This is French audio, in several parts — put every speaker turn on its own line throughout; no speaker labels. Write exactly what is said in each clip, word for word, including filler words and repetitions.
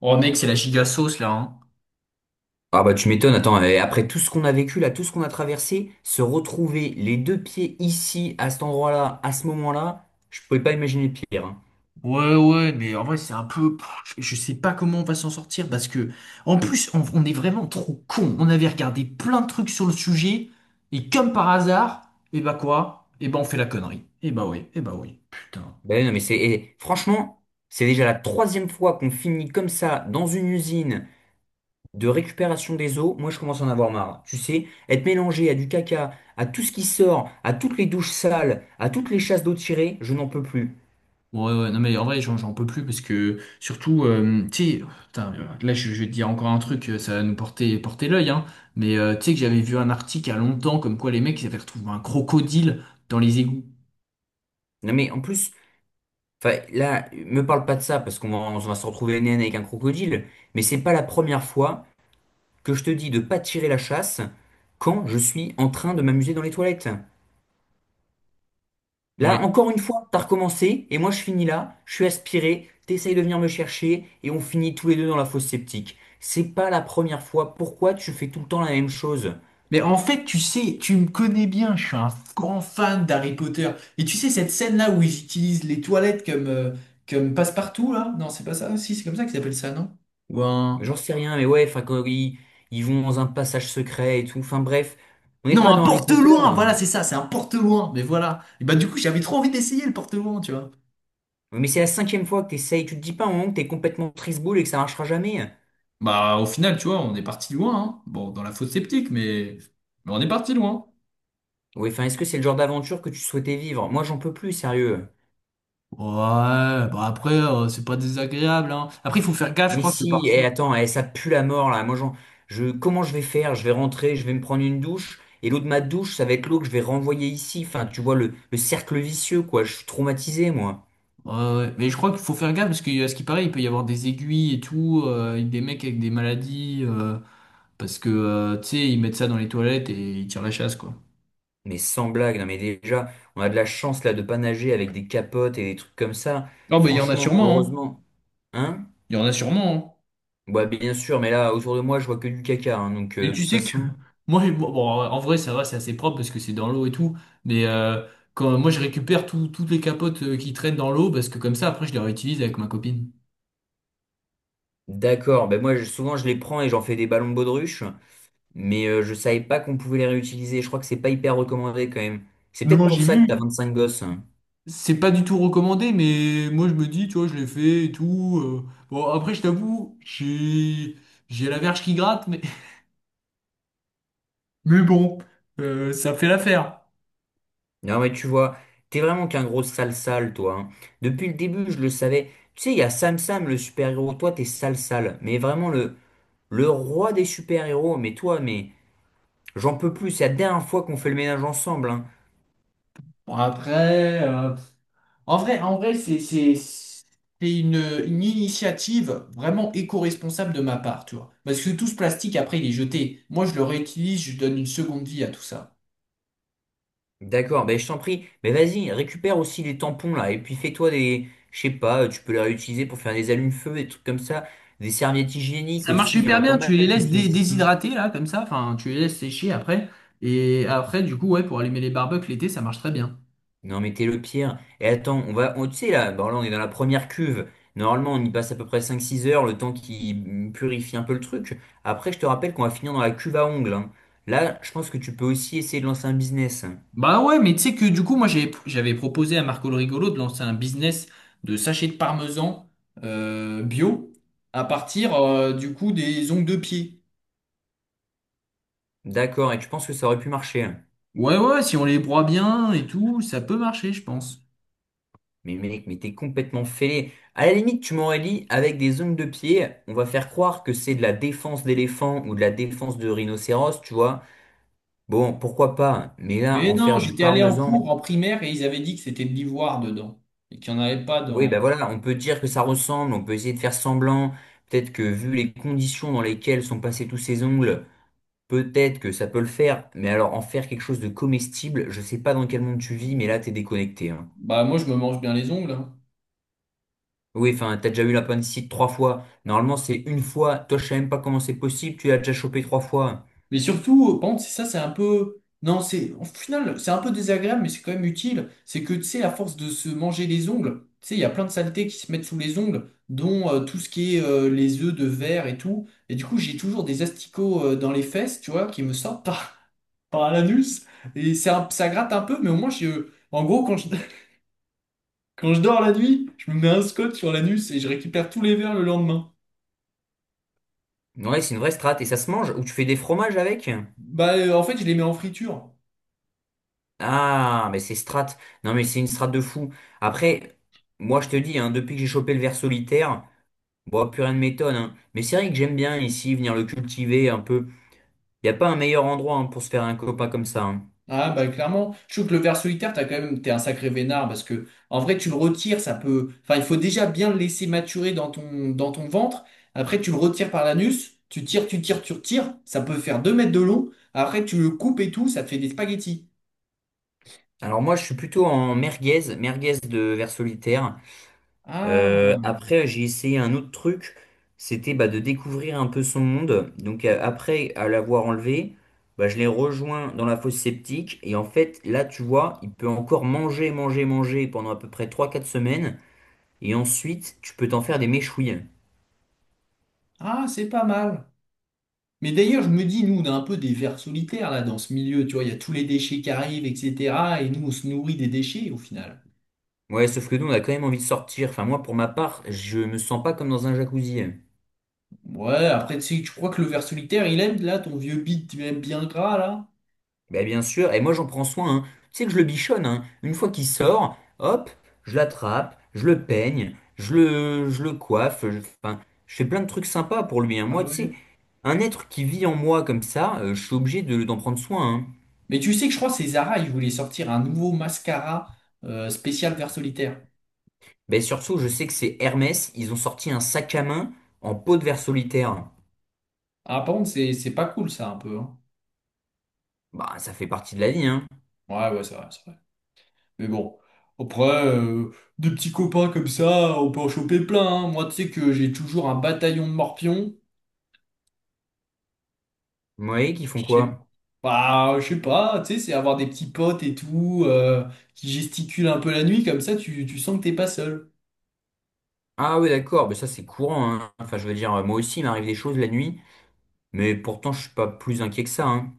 Oh mec, c'est la giga sauce là, hein.
Ah bah tu m'étonnes, attends, et après tout ce qu'on a vécu là, tout ce qu'on a traversé, se retrouver les deux pieds ici, à cet endroit-là, à ce moment-là, je pouvais pas imaginer pire, hein.
Ouais, ouais, mais en vrai, c'est un peu. Pff, Je je sais pas comment on va s'en sortir parce que, en plus, on, on est vraiment trop con. On avait regardé plein de trucs sur le sujet et comme par hasard, et bah quoi? Et bah on fait la connerie. Et bah oui, et bah oui. Putain.
Ben non mais c'est, et franchement, c'est déjà la troisième fois qu'on finit comme ça dans une usine de récupération des eaux. Moi je commence à en avoir marre. Tu sais, être mélangé à du caca, à tout ce qui sort, à toutes les douches sales, à toutes les chasses d'eau tirées, je n'en peux plus.
Ouais, ouais, non mais en vrai, j'en j'en peux plus parce que, surtout, euh, tu sais, putain, euh, là, je, je vais te dire encore un truc, euh, ça va nous porter, porter l'œil, hein. Mais euh, tu sais que j'avais vu un article il y a longtemps comme quoi les mecs, ils avaient retrouvé un crocodile dans les égouts.
Non mais en plus. Enfin, là, me parle pas de ça parce qu'on va, on va se retrouver nez à nez avec un crocodile, mais c'est pas la première fois que je te dis de pas tirer la chasse quand je suis en train de m'amuser dans les toilettes. Là,
Ouais.
encore une fois, t'as recommencé et moi je finis là, je suis aspiré, t'essayes de venir me chercher et on finit tous les deux dans la fosse septique. C'est pas la première fois. Pourquoi tu fais tout le temps la même chose?
Mais en fait, tu sais, tu me connais bien, je suis un grand fan d'Harry Potter. Et tu sais, cette scène-là où ils utilisent les toilettes comme, euh, comme passe-partout, là? Non, c'est pas ça? Si, c'est comme ça qu'ils appellent ça, non? Ou un...
J'en sais rien, mais ouais, enfin, quand ils, ils vont dans un passage secret et tout. Enfin bref, on n'est
Non,
pas
un
dans Harry Potter
porte-loin! Voilà,
là.
c'est ça, c'est un porte-loin. Mais voilà. Et bah, du coup, j'avais trop envie d'essayer le porte-loin, tu vois.
Oui, mais c'est la cinquième fois que t'essayes, tu te dis pas un moment que t'es complètement trisboule et que ça marchera jamais.
Bah, au final, tu vois, on est parti loin, hein. Bon, dans la fosse sceptique, mais... mais on est parti loin.
Oui, enfin, est-ce que c'est le genre d'aventure que tu souhaitais vivre? Moi, j'en peux plus, sérieux.
Ouais, bah après, euh, c'est pas désagréable, hein. Après, il faut faire gaffe, je
Mais
crois que
si, et
parfois.
attends, eh, ça pue la mort là. Moi, j'en, je, comment je vais faire? Je vais rentrer, je vais me prendre une douche, et l'eau de ma douche, ça va être l'eau que je vais renvoyer ici. Enfin, tu vois le, le cercle vicieux, quoi. Je suis traumatisé, moi.
Ouais, ouais. Mais je crois qu'il faut faire gaffe parce que, à ce qui paraît, il peut y avoir des aiguilles et tout, euh, et des mecs avec des maladies, euh, parce que, euh, tu sais, ils mettent ça dans les toilettes et ils tirent la chasse, quoi.
Mais sans blague, non, mais déjà, on a de la chance là de pas nager avec des capotes et des trucs comme ça.
Non, mais il y en a
Franchement,
sûrement, hein.
heureusement, hein?
Il y en a sûrement,
Ouais, bien sûr, mais là, autour de moi, je vois que du caca, hein, donc,
hein. Et
euh, de
tu
toute
sais que
façon,
moi, bon, bon, en vrai, ça va, c'est assez propre parce que c'est dans l'eau et tout. Mais euh, quand moi, je récupère tout- toutes les capotes euh, qui traînent dans l'eau parce que comme ça, après, je les réutilise avec ma copine.
d'accord. Ben moi, je- souvent, je les prends et j'en fais des ballons de baudruche. Mais euh, je savais pas qu'on pouvait les réutiliser. Je crois que c'est pas hyper recommandé quand même. C'est
Non,
peut-être
non,
pour
j'ai
ça que t'as
vu.
vingt-cinq gosses, hein.
C'est pas du tout recommandé, mais moi je me dis, tu vois, je l'ai fait et tout. euh. Bon, après, je t'avoue, j'ai j'ai la verge qui gratte, mais, mais bon, euh, ça fait l'affaire.
Non, mais tu vois, t'es vraiment qu'un gros sale sale, toi, hein. Depuis le début, je le savais. Tu sais, il y a Sam Sam, le super-héros. Toi, t'es sale sale. Mais vraiment, le, le roi des super-héros. Mais toi, mais j'en peux plus. C'est la dernière fois qu'on fait le ménage ensemble, hein.
Bon, après, euh, en vrai, en vrai, c'est c'est c'est une, une initiative vraiment éco-responsable de ma part, tu vois. Parce que tout ce plastique, après, il est jeté. Moi, je le réutilise, je donne une seconde vie à tout ça.
D'accord, ben je t'en prie. Mais vas-y, récupère aussi les tampons là, et puis fais-toi des, je sais pas, tu peux les réutiliser pour faire des allumes-feu, des trucs comme ça, des serviettes hygiéniques
Ça marche
aussi, il y en
super
a pas
bien, tu
mal
les
qui
laisses dé-
finissent ici.
déshydrater là, comme ça, enfin tu les laisses sécher après. Et après, du coup, ouais, pour allumer les barbecues l'été, ça marche très bien.
Non mais t'es le pire. Et attends, on va, on, tu sais là, bon là on est dans la première cuve. Normalement on y passe à peu près cinq-six heures, le temps qui purifie un peu le truc. Après je te rappelle qu'on va finir dans la cuve à ongles, hein. Là, je pense que tu peux aussi essayer de lancer un business, hein.
Bah ouais, mais tu sais que du coup, moi j'avais j'avais proposé à Marco le Rigolo de lancer un business de sachets de parmesan euh, bio à partir euh, du coup des ongles de pied.
D'accord, et tu penses que ça aurait pu marcher, hein?
Ouais, ouais, si on les broie bien et tout, ça peut marcher, je pense.
Mais mec, mais t'es complètement fêlé. À la limite, tu m'aurais dit, avec des ongles de pied, on va faire croire que c'est de la défense d'éléphant ou de la défense de rhinocéros, tu vois. Bon, pourquoi pas, mais là,
Mais
en
non,
faire du
j'étais allé en
parmesan.
cours en primaire et ils avaient dit que c'était de l'ivoire dedans et qu'il n'y en avait pas
Oui,
dans.
ben voilà, on peut dire que ça ressemble, on peut essayer de faire semblant. Peut-être que vu les conditions dans lesquelles sont passés tous ces ongles, peut-être que ça peut le faire. Mais alors, en faire quelque chose de comestible, je sais pas dans quel monde tu vis, mais là, t'es déconnecté, hein.
Bah moi je me mange bien les ongles, hein.
Oui, enfin, t'as déjà eu la appendicite trois fois. Normalement, c'est une fois. Toi, je sais même pas comment c'est possible. Tu l'as déjà chopé trois fois.
Mais surtout, par contre, c'est ça, c'est un peu. Non, c'est. Au final, c'est un peu désagréable, mais c'est quand même utile. C'est que, tu sais, à force de se manger les ongles, tu sais, il y a plein de saletés qui se mettent sous les ongles, dont euh, tout ce qui est euh, les œufs de verre et tout. Et du coup, j'ai toujours des asticots euh, dans les fesses, tu vois, qui me sortent par, par l'anus. Et c'est un- ça gratte un peu, mais au moins, je... en gros, quand je... quand je dors la nuit, je me mets un scotch sur l'anus et je récupère tous les verres le lendemain.
Ouais, c'est une vraie strate. Et ça se mange? Ou tu fais des fromages avec?
Bah, euh, en fait, je les mets en friture.
Ah, mais c'est strat. Non, mais c'est une strate de fou. Après, moi, je te dis, hein, depuis que j'ai chopé le ver solitaire, bon, plus rien ne m'étonne, hein. Mais c'est vrai que j'aime bien ici venir le cultiver un peu. Il n'y a pas un meilleur endroit hein, pour se faire un copain comme ça, hein.
Ah bah clairement, je trouve que le ver solitaire, t'as quand même, t'es un sacré vénard parce que en vrai tu le retires, ça peut, enfin il faut déjà bien le laisser maturer dans ton dans ton ventre. Après tu le retires par l'anus, tu tires, tu tires, tu retires, ça peut faire deux mètres de long. Après tu le coupes et tout, ça te fait des spaghettis.
Alors moi, je suis plutôt en merguez, merguez de ver solitaire. Euh,
Ah
après, j'ai essayé un autre truc, c'était bah, de découvrir un peu son monde. Donc euh, après, à l'avoir enlevé, bah, je l'ai rejoint dans la fosse septique. Et en fait, là, tu vois, il peut encore manger, manger, manger pendant à peu près trois, quatre semaines. Et ensuite, tu peux t'en faire des méchouilles.
ah c'est pas mal. Mais d'ailleurs je me dis nous on a un peu des vers solitaires là dans ce milieu, tu vois, il y a tous les déchets qui arrivent et cetera. Et nous on se nourrit des déchets au final.
Ouais, sauf que nous, on a quand même envie de sortir. Enfin, moi, pour ma part, je me sens pas comme dans un jacuzzi.
Ouais après tu sais, tu crois que le ver solitaire il aime là ton vieux bit, tu aimes bien gras là?
Ben bien sûr, et moi j'en prends soin, hein. Tu sais que je le bichonne, hein. Une fois qu'il sort, hop, je l'attrape, je le peigne, je le, je le coiffe, je, enfin, je fais plein de trucs sympas pour lui, hein.
Ah
Moi, tu sais,
ouais.
un être qui vit en moi comme ça, euh, je suis obligé de, d'en prendre soin, hein.
Mais tu sais que je crois que c'est Zara, ils voulaient sortir un nouveau mascara euh, spécial vert solitaire.
Ben surtout, je sais que c'est Hermès, ils ont sorti un sac à main en peau de verre solitaire.
Ah, par contre, c'est c'est pas cool ça un peu, hein.
Bah, ça fait partie de la vie, hein.
Ouais, ouais, c'est vrai, c'est vrai. Mais bon, après, euh, des petits copains comme ça, on peut en choper plein, hein. Moi, tu sais que j'ai toujours un bataillon de morpions.
Vous voyez qu'ils font
Je sais
quoi?
pas, je sais pas, tu sais, c'est avoir des petits potes et tout, euh, qui gesticulent un peu la nuit, comme ça, tu, tu sens que t'es pas seul.
Ah oui, d'accord, ben ça c'est courant, hein. Enfin, je veux dire, euh, moi aussi, il m'arrive des choses la nuit, mais pourtant, je suis pas plus inquiet que ça, hein.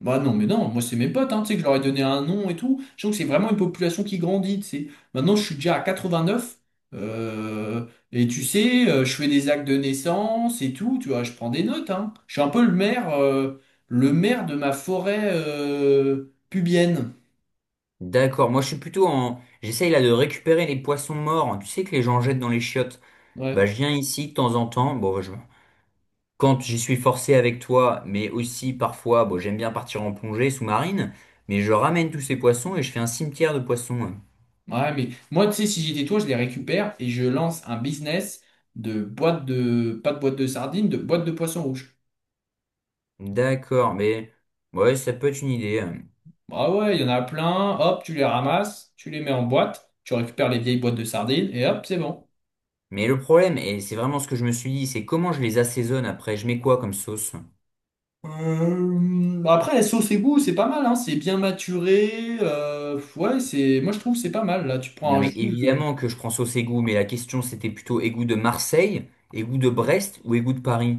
Bah non, mais non, moi c'est mes potes, hein, tu sais, que je leur ai donné un nom et tout. Je trouve que c'est vraiment une population qui grandit, tu sais. Maintenant, je suis déjà à quatre-vingt-neuf, euh, et tu sais, euh, je fais des actes de naissance et tout, tu vois, je prends des notes, hein. Je suis un peu le maire, euh, le maire de ma forêt euh, pubienne.
D'accord, moi je suis plutôt en... J'essaye là de récupérer les poissons morts, tu sais que les gens jettent dans les chiottes. Bah
Ouais,
je viens ici de temps en temps, bon bah, je... quand j'y suis forcé avec toi, mais aussi parfois, bon j'aime bien partir en plongée sous-marine, mais je ramène tous ces poissons et je fais un cimetière de poissons.
ouais, mais moi, tu sais, si j'étais toi, je les récupère et je lance un business de boîte de, pas de boîte de sardines, de boîte de poisson rouge.
D'accord, mais ouais ça peut être une idée.
Bah ouais, il y en a plein. Hop, tu les ramasses, tu les mets en boîte, tu récupères les vieilles boîtes de sardines et hop, c'est bon.
Mais le problème, et c'est vraiment ce que je me suis dit, c'est comment je les assaisonne après, je mets quoi comme sauce?
Euh, bah après, la sauce et goût, c'est pas mal, hein. C'est bien maturé. euh, ouais, c'est, moi je trouve que c'est pas mal. Là, tu
Non
prends un
mais
jus. euh,
évidemment que je prends sauce égout, mais la question c'était plutôt égout de Marseille, égout de Brest ou égout de Paris?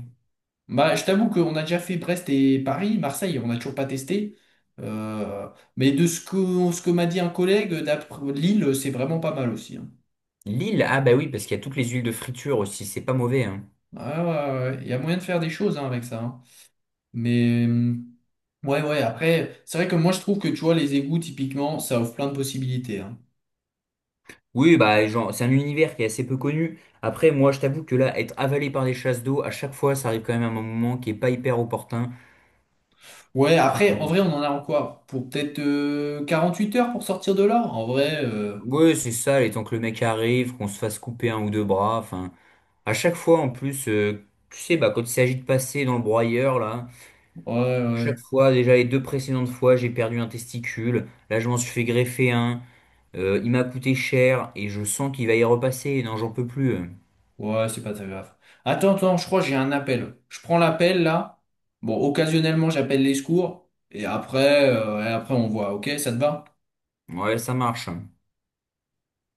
Bah, je t'avoue qu'on a déjà fait Brest et Paris, Marseille, on n'a toujours pas testé. Euh, mais de ce que, ce que m'a dit un collègue, d'après Lille, c'est vraiment pas mal aussi, hein.
L'île, ah bah oui, parce qu'il y a toutes les huiles de friture aussi, c'est pas mauvais, hein.
Ouais, ouais, ouais, ouais. Il y a moyen de faire des choses hein, avec ça, hein. Mais. hum, ouais, ouais, après, c'est vrai que moi je trouve que tu vois, les égouts, typiquement, ça offre plein de possibilités, hein.
Oui, bah genre, c'est un univers qui est assez peu connu. Après, moi, je t'avoue que là, être avalé par des chasses d'eau, à chaque fois, ça arrive quand même à un moment qui est pas hyper opportun.
Ouais, après, en vrai, on en a encore pour peut-être euh, huit heures pour sortir de là. En vrai, euh,
Ouais, c'est ça, les temps que le mec arrive, qu'on se fasse couper un ou deux bras, enfin, à chaque fois, en plus, euh, tu sais, bah quand il s'agit de passer dans le broyeur, là,
ouais,
chaque fois, déjà les deux précédentes fois, j'ai perdu un testicule, là, je m'en suis fait greffer un, euh, il m'a coûté cher, et je sens qu'il va y repasser, non, j'en peux plus. euh.
ouais, ouais, c'est pas très grave. Attends, attends, je crois que j'ai un appel. Je prends l'appel là. Bon, occasionnellement, j'appelle les secours. Et après, euh, et après, on voit, ok, ça te va?
Ouais, ça marche.